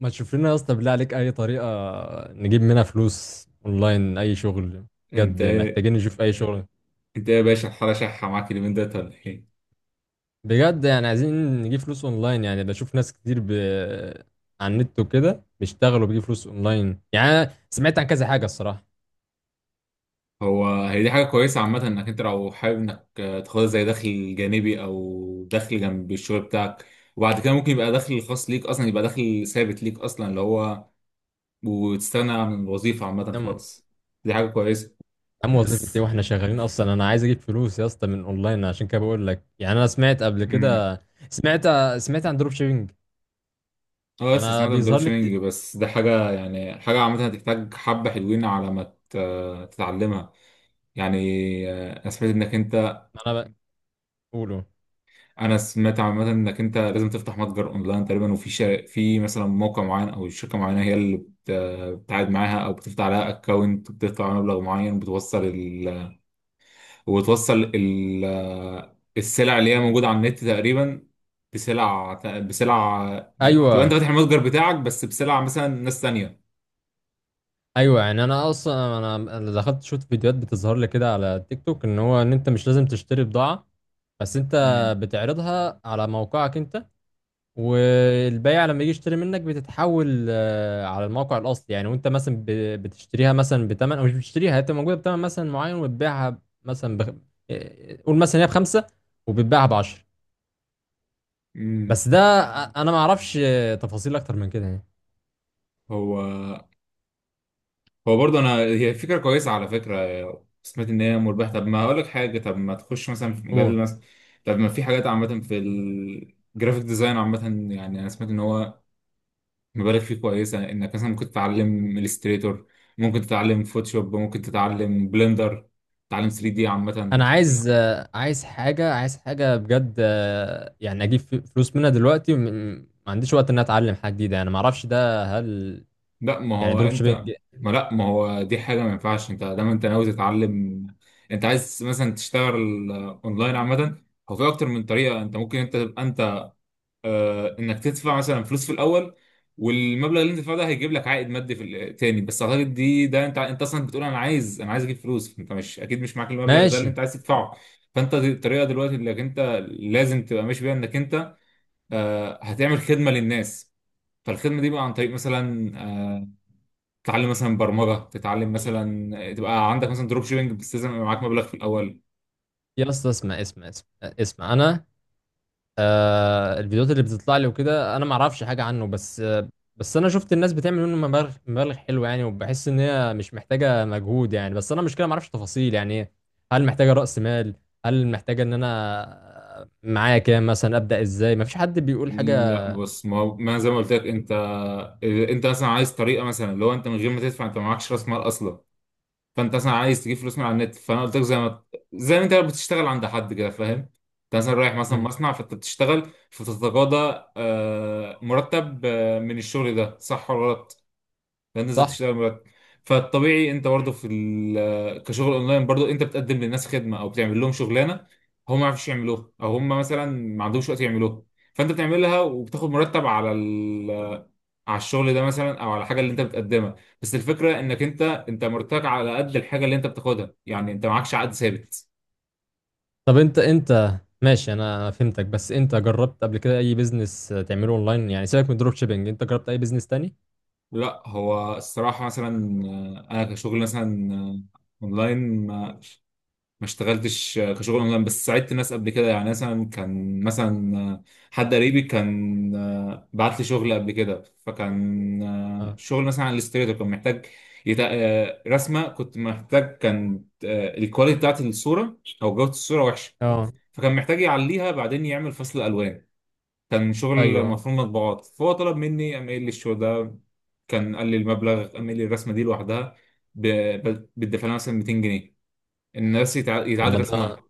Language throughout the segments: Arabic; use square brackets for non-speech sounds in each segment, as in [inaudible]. ما تشوف لنا يا اسطى، بالله عليك، اي طريقه نجيب منها فلوس اونلاين، اي شغل؟ انت بجد ايه محتاجين نشوف اي شغل. انت ايه يا باشا، الحاله شحه معاك اليومين دولت ولا ايه؟ بجد يعني عايزين نجيب فلوس اونلاين، يعني بشوف ناس كتير على النت وكده بيشتغلوا، بيجيبوا فلوس اونلاين. يعني أنا سمعت عن كذا حاجه الصراحه. هو هي دي حاجه كويسه عامه، انك انت لو حابب انك تاخدها زي دخل جانبي او دخل جنب الشغل بتاعك. وبعد كده ممكن يبقى دخل خاص ليك اصلا، يبقى دخل ثابت ليك اصلا اللي هو وتستغنى عن الوظيفه عامه عم. خالص. دي حاجه كويسه. عم، وظيفه ايه بس واحنا شغالين اصلا؟ انا عايز اجيب فلوس يا اسطى من اونلاين، عشان كده بقول لك. يعني انا سمعت قبل امم كده، سمعت سمعت عن دروب شيبينج. اه، بس انا سمعت عن دروب بيظهر لي كتير. شيبنج. بس ده حاجه يعني حاجه عامه، هتحتاج حبه حلوين على ما تتعلمها يعني. آه، انا سمعت انك انت انا بقوله. انا سمعت عامه انك انت لازم تفتح متجر اونلاين تقريبا. وفي في مثلا موقع معين او شركه معينه هي اللي بتعاد معاها او بتفتح لها اكونت، بتدفع عليها مبلغ معين، وبتوصل ال... السلع اللي هي موجوده على النت تقريبا. بسلع بسلع تبقى انت ايوه فاتح المتجر بتاعك بس بسلع مثلا ناس تانيه. ايوه، يعني انا اصلا انا دخلت شفت فيديوهات بتظهر لي كده على تيك توك، ان انت مش لازم تشتري بضاعه، بس انت امم بتعرضها على موقعك انت. والبائع لما يجي يشتري منك بتتحول على الموقع الاصلي يعني. وانت مثلا بتشتريها مثلا بتمن، او مش بتشتريها، هي بتبقى موجوده بتمن مثلا معين، وتبيعها مثلا بخ... آه، قول مثلا هي بخمسه وبتباعها بعشرة. امم بس ده انا ما اعرفش تفاصيل اكتر من كده. هو هو برضه، انا هي فكره كويسه على فكره. سمعت ان هي مربحه. طب ما اقول لك حاجه، طب ما تخش مثلا في مجال يعني مثلا، طب ما في حاجات عامه في الجرافيك ديزاين عامه. يعني انا سمعت ان هو مبالغ فيه كويسه، انك مثلا ممكن تتعلم الستريتور، ممكن تتعلم فوتوشوب، ممكن تتعلم بلندر، تتعلم 3D عامه. انا عايز حاجه، عايز حاجه بجد يعني اجيب فلوس منها دلوقتي، ما عنديش وقت ان أنا اتعلم حاجه جديده. انا ما اعرفش ده، هل لا ما يعني هو دروب انت شيبينج لا، ما هو دي حاجه ما ينفعش، انت دايما انت ناوي تتعلم. انت عايز مثلا تشتغل اونلاين عامه. هو في اكتر من طريقه، انت ممكن تبقى انك تدفع مثلا فلوس في الاول، والمبلغ اللي انت دفعته ده هيجيب لك عائد مادي في تاني. بس اعتقد ده انت اصلا بتقول انا عايز اجيب فلوس، انت مش اكيد مش معاك المبلغ ده اللي ماشي؟ انت عايز تدفعه. فانت، دي الطريقه دلوقتي انك انت لازم تبقى ماشي بيها، انك انت هتعمل خدمه للناس. فالخدمه دي بقى عن طريق مثلا تتعلم مثلا برمجه، تتعلم مثلا تبقى عندك مثلا دروب شيبنج. بس لازم يبقى معاك مبلغ في الاول. يا اسطى، اسمع اسمع اسمع اسمع، انا الفيديوهات اللي بتطلع لي وكده انا ما اعرفش حاجه عنه. بس انا شفت الناس بتعمل منه مبالغ مبالغ حلوه يعني، وبحس ان هي مش محتاجه مجهود يعني. بس انا المشكله ما اعرفش تفاصيل يعني إيه. هل محتاجه راس مال؟ هل محتاجه ان انا معايا كام مثلا؟ ابدا ازاي؟ ما فيش حد بيقول حاجه. لا، بص، ما زي ما قلت لك، انت مثلا عايز طريقه مثلا، لو انت من غير ما تدفع، انت معكش راس مال اصلا. فانت مثلا عايز تجيب فلوس من على النت، فانا قلت لك زي ما انت بتشتغل عند حد كده، فاهم؟ انت مثلا رايح مثلا مم. مصنع، فانت بتشتغل فبتتقاضى مرتب من الشغل ده، صح ولا غلط؟ لا، نزلت صح. تشتغل مرتب. فالطبيعي انت برضه كشغل اونلاين، برضه انت بتقدم للناس خدمه او بتعمل لهم شغلانه هم ما يعرفوش يعملوها، او هم مثلا ما عندهمش وقت يعملوها. فانت بتعملها وبتاخد مرتب على الشغل ده مثلا، او على الحاجه اللي انت بتقدمها. بس الفكره انك انت مرتاح على قد الحاجه اللي انت بتاخدها، يعني انت معكش عقد ثابت. طب، انت ماشي، انا فهمتك. بس انت جربت قبل كده اي بيزنس تعمله اونلاين؟ يعني سيبك من الدروب شيبينج، انت جربت اي بيزنس تاني؟ لا، هو الصراحه مثلا انا كشغل مثلا اونلاين ما اشتغلتش كشغل اونلاين، بس ساعدت ناس قبل كده. يعني مثلا كان مثلا حد قريبي كان بعت لي شغل قبل كده، فكان اه. شغل مثلا على الاستريتور، كان محتاج رسمه كنت محتاج. كان الكواليتي بتاعت الصوره او جوده الصوره وحشه، اه. فكان محتاج يعليها بعدين يعمل فصل الوان. كان شغل ايوه. مفروض مطبوعات، فهو طلب مني اعمل لي الشغل ده، كان قال لي المبلغ اعمل لي الرسمه دي لوحدها. ب... بتدفع لها مثلا 200 جنيه، الناس يتعاد لما ده رسمها.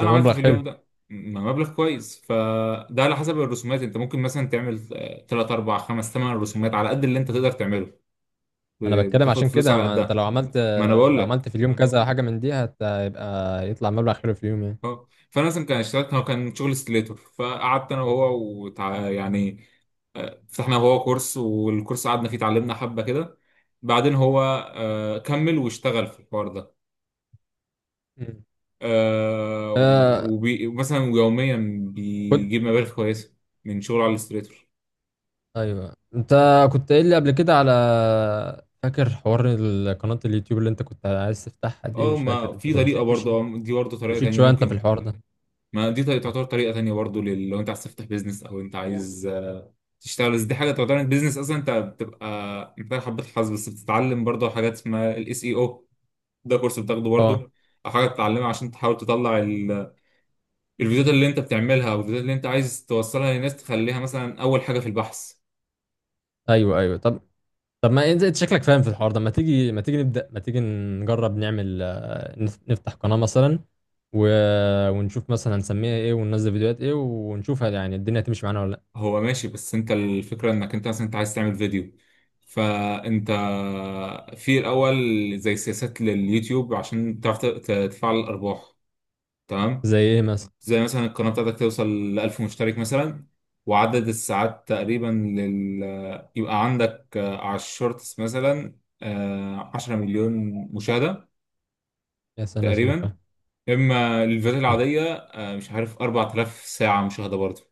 ده عملت مبلغ في اليوم حلو. ده مبلغ كويس. فده على حسب الرسومات انت ممكن مثلا تعمل 3 4 5 8 رسومات على قد اللي انت تقدر تعمله، انا بتكلم بتاخد عشان فلوس كده، على ما انت قدها. لو عملت، ما انا بقول لك. في اليوم كذا حاجه من دي هتبقى، يطلع مبلغ حلو في اليوم يعني. اه، فانا مثلا كان اشتغلت، هو كان شغل ستيليتور، فقعدت انا وهو يعني فتحنا هو كورس، والكورس قعدنا فيه اتعلمنا حبه كده. بعدين هو كمل واشتغل في الحوار ده. مم. آه، آه. مثلا يوميا كنت بيجيب مبالغ كويسه من شغل على الاستريتور. ايوه انت كنت قايل لي قبل كده فاكر حوار قناه اليوتيوب اللي انت كنت عايز تفتحها دي؟ اه، مش فاكر ما انت في كنت طريقه مشيت برضه. مشيت اه، دي برضه طريقه مشيت تانية شويه انت في ممكن. الحوار ده. ما دي تعتبر طريقه تانية برضه، لو انت عايز تفتح بيزنس او انت عايز تشتغل. بس دي حاجه تعتبر بيزنس اصلا، انت بتبقى حبه حظ، بس بتتعلم برضه حاجات اسمها SEO. ده كورس بتاخده اه. برضه او حاجه بتتعلمها عشان تحاول تطلع الفيديوهات اللي انت بتعملها، او الفيديوهات اللي انت عايز توصلها للناس تخليها مثلا اول حاجه في البحث. ايوه ايوه. طب، ما انت شكلك فاهم في الحوار ده، ما تيجي، ما تيجي نبدا، ما تيجي نجرب نعمل نفتح قناه مثلا، و... ونشوف مثلا هنسميها ايه، وننزل فيديوهات ايه، ونشوفها يعني الدنيا هتمشي معانا ولا لا. هو ماشي، بس انت الفكرة انك انت مثلا انت عايز تعمل فيديو. فانت في الاول زي سياسات لليوتيوب عشان تعرف تفعل الارباح، تمام. زي ايه مثلا؟ زي مثلا القناة بتاعتك توصل ل 1000 مشترك مثلا، وعدد الساعات تقريبا لل يبقى عندك على الشورتس مثلا 10 مليون مشاهدة يا سنه تقريبا. سوخه! اما الفيديوهات العادية مش عارف 4000 ساعة مشاهدة برضه.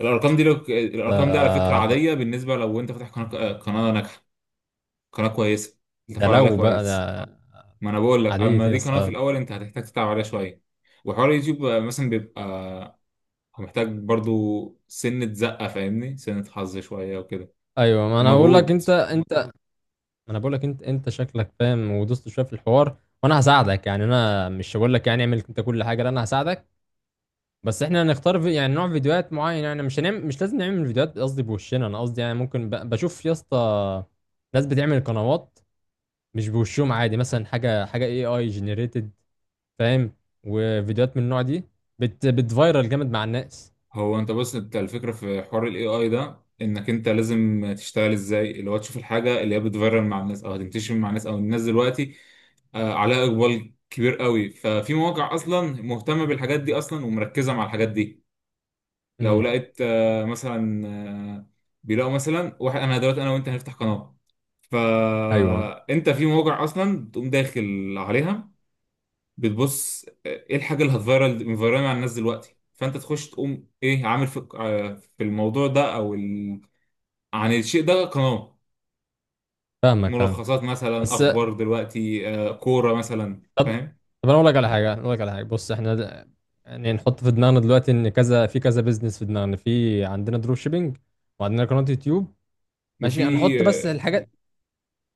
الارقام دي على فكره ده عاديه، بالنسبه لو انت فاتح قناه ناجحه، قناه كويسه انت ده فاعل عليها لو بقى كويس. ده ما انا بقول لك، عاديه اما يا دي قناه في اسطى. الاول انت هتحتاج تتعب عليها شويه. وحوار اليوتيوب مثلا بيبقى هو محتاج برضو سنه زقه، فاهمني، سنه حظ شويه وكده ايوه، ما انا بقول لك ومجهود. انت انت ما انا بقول لك انت شكلك فاهم ودوست شويه في الحوار. وانا هساعدك، يعني انا مش هقول لك يعني اعمل انت كل حاجه، لا، انا هساعدك. بس احنا هنختار يعني نوع فيديوهات معين. يعني مش هنعمل، مش لازم نعمل فيديوهات قصدي بوشنا، انا قصدي يعني ممكن بشوف يا اسطى ناس بتعمل قنوات مش بوشهم عادي، مثلا حاجه حاجه AI جنريتد فاهم، وفيديوهات من النوع دي بتفايرل جامد مع الناس. هو انت بص، انت الفكره في حوار AI ده، انك انت لازم تشتغل ازاي، اللي هو تشوف الحاجه اللي هي بتفيرل مع الناس او هتنتشر مع الناس، او الناس دلوقتي عليها اقبال كبير قوي. ففي مواقع اصلا مهتمه بالحاجات دي اصلا، ومركزه مع الحاجات دي. لو امم. لقيت مثلا آه، بيلاقوا مثلا واحد. انا دلوقتي انا وانت هنفتح قناه، ايوه فانت في مواقع اصلا بتقوم داخل عليها بتبص ايه الحاجه اللي مفيرال مع الناس دلوقتي. فانت تخش تقوم ايه عامل في الموضوع ده، عن الشيء ده قناه. فاهمك، فاهم. ملخصات مثلا، بس اخبار دلوقتي كوره مثلا، طب فاهم. طب انا اقول لك على حاجه، اقول لك على حاجه، بص احنا يعني نحط في دماغنا دلوقتي ان كذا في كذا بيزنس في دماغنا، في عندنا دروب شيبينج، وعندنا قناه يوتيوب، وفي ماشي؟ هنحط بس آه، الحاجات،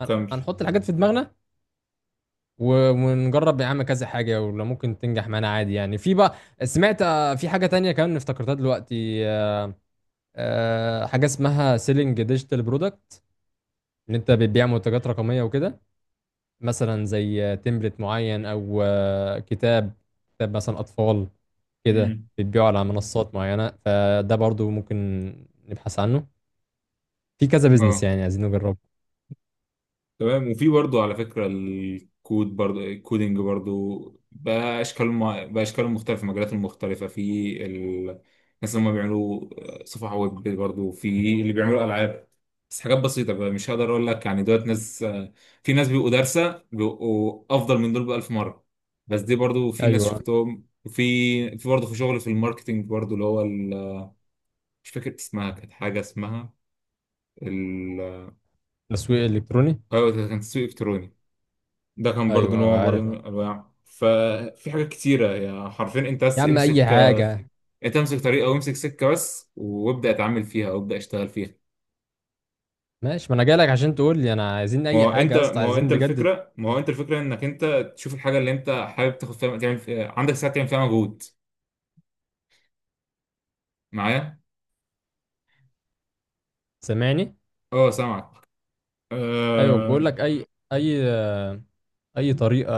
كمل. هنحط الحاجات في دماغنا، ونجرب يا عم كذا حاجة، ولو ممكن تنجح معانا عادي، يعني في بقى. سمعت في حاجة تانية كمان افتكرتها دلوقتي، حاجة اسمها سيلينج ديجيتال برودكت، ان انت بتبيع منتجات رقمية وكده، مثلا زي تمبلت معين، او كتاب مثلا اطفال، كده امم بتبيعه على منصات معينة. فده برضو ممكن نبحث عنه. في كذا بيزنس اه، يعني عايزين نجربه. تمام. وفي برضو على فكرة الكود برضو، الكودينج برضو. بقى أشكال مختلفة، مجالات مختلفة في ال- الناس اللي هم بيعملوا صفحة ويب، برضو في اللي بيعملوا ألعاب، بس حاجات بسيطة بقى. مش هقدر أقول لك يعني دولت ناس، في ناس بيبقوا دارسة بيبقوا أفضل من دول بألف مرة. بس دي برضو في ناس ايوه. شفتهم، في برضو في شغل في الماركتينج برضو اللي هو مش فاكر اسمها، كانت حاجة اسمها ال- تسويق الكتروني. أيوة، كان تسويق إلكتروني. ده كان برضو ايوه، نوع برضو عارف من الانواع. ففي حاجات كتيره هي حرفيا، يا عم. اي حاجة، انت امسك طريقه وامسك سكه بس، وابدا اتعامل فيها وابدا اشتغل فيها. ماشي، ما انا جايلك عشان تقول لي. انا عايزين اي حاجه يا اسطى، عايزين بجد. ما هو انت الفكره انك انت تشوف الحاجه اللي انت حابب تاخد فيها، تعمل فيها عندك ساعه، تعمل فيها مجهود معايا. سامعني؟ اه، سامعك. ايوه، بقول آه، لك اي آه، اي طريقه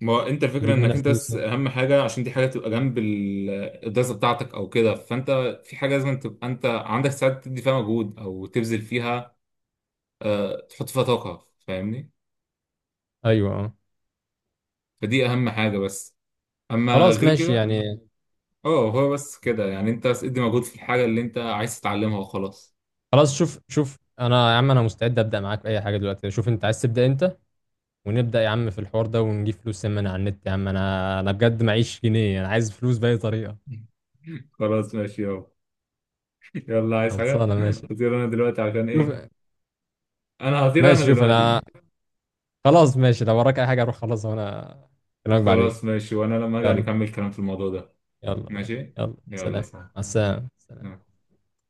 ما هو انت الفكره نجيب انك منها انت، فلوس بس يعني. اهم حاجه عشان دي حاجه تبقى جنب الدراسه بتاعتك او كده. فانت في حاجه لازم تبقى انت عندك ساعات تدي فيها مجهود او تبذل فيها تحط فيها طاقة، فاهمني. ايوه، اه. فدي أهم حاجة، بس. أما خلاص غير ماشي كده، يعني. اه، هو بس كده يعني أنت بس ادي مجهود في الحاجة اللي أنت عايز تتعلمها وخلاص. خلاص، شوف شوف انا يا عم، انا مستعد ابدا معاك في اي حاجه دلوقتي. شوف انت عايز تبدا امتى ونبدا يا عم في الحوار ده، ونجيب فلوس من على النت يا عم. انا بجد معيش جنيه، انا عايز فلوس باي طريقه. [laughs] خلاص، ماشي يابا. يلا، عايز حاجة؟ خلصانه ماشي. هطير أنا دلوقتي عشان شوف إيه. أنا هطير أنا شوف انا، دلوقتي. خلاص ماشي، لو وراك اي حاجه روح خلاص، وانا اكلمك بعدين. خلاص ماشي، وأنا لما أرجع يلا. نكمل كلام في الموضوع ده. يلا ماشي. ماشي، يلا يلا سلام. سلام. مع السلامة، سلام.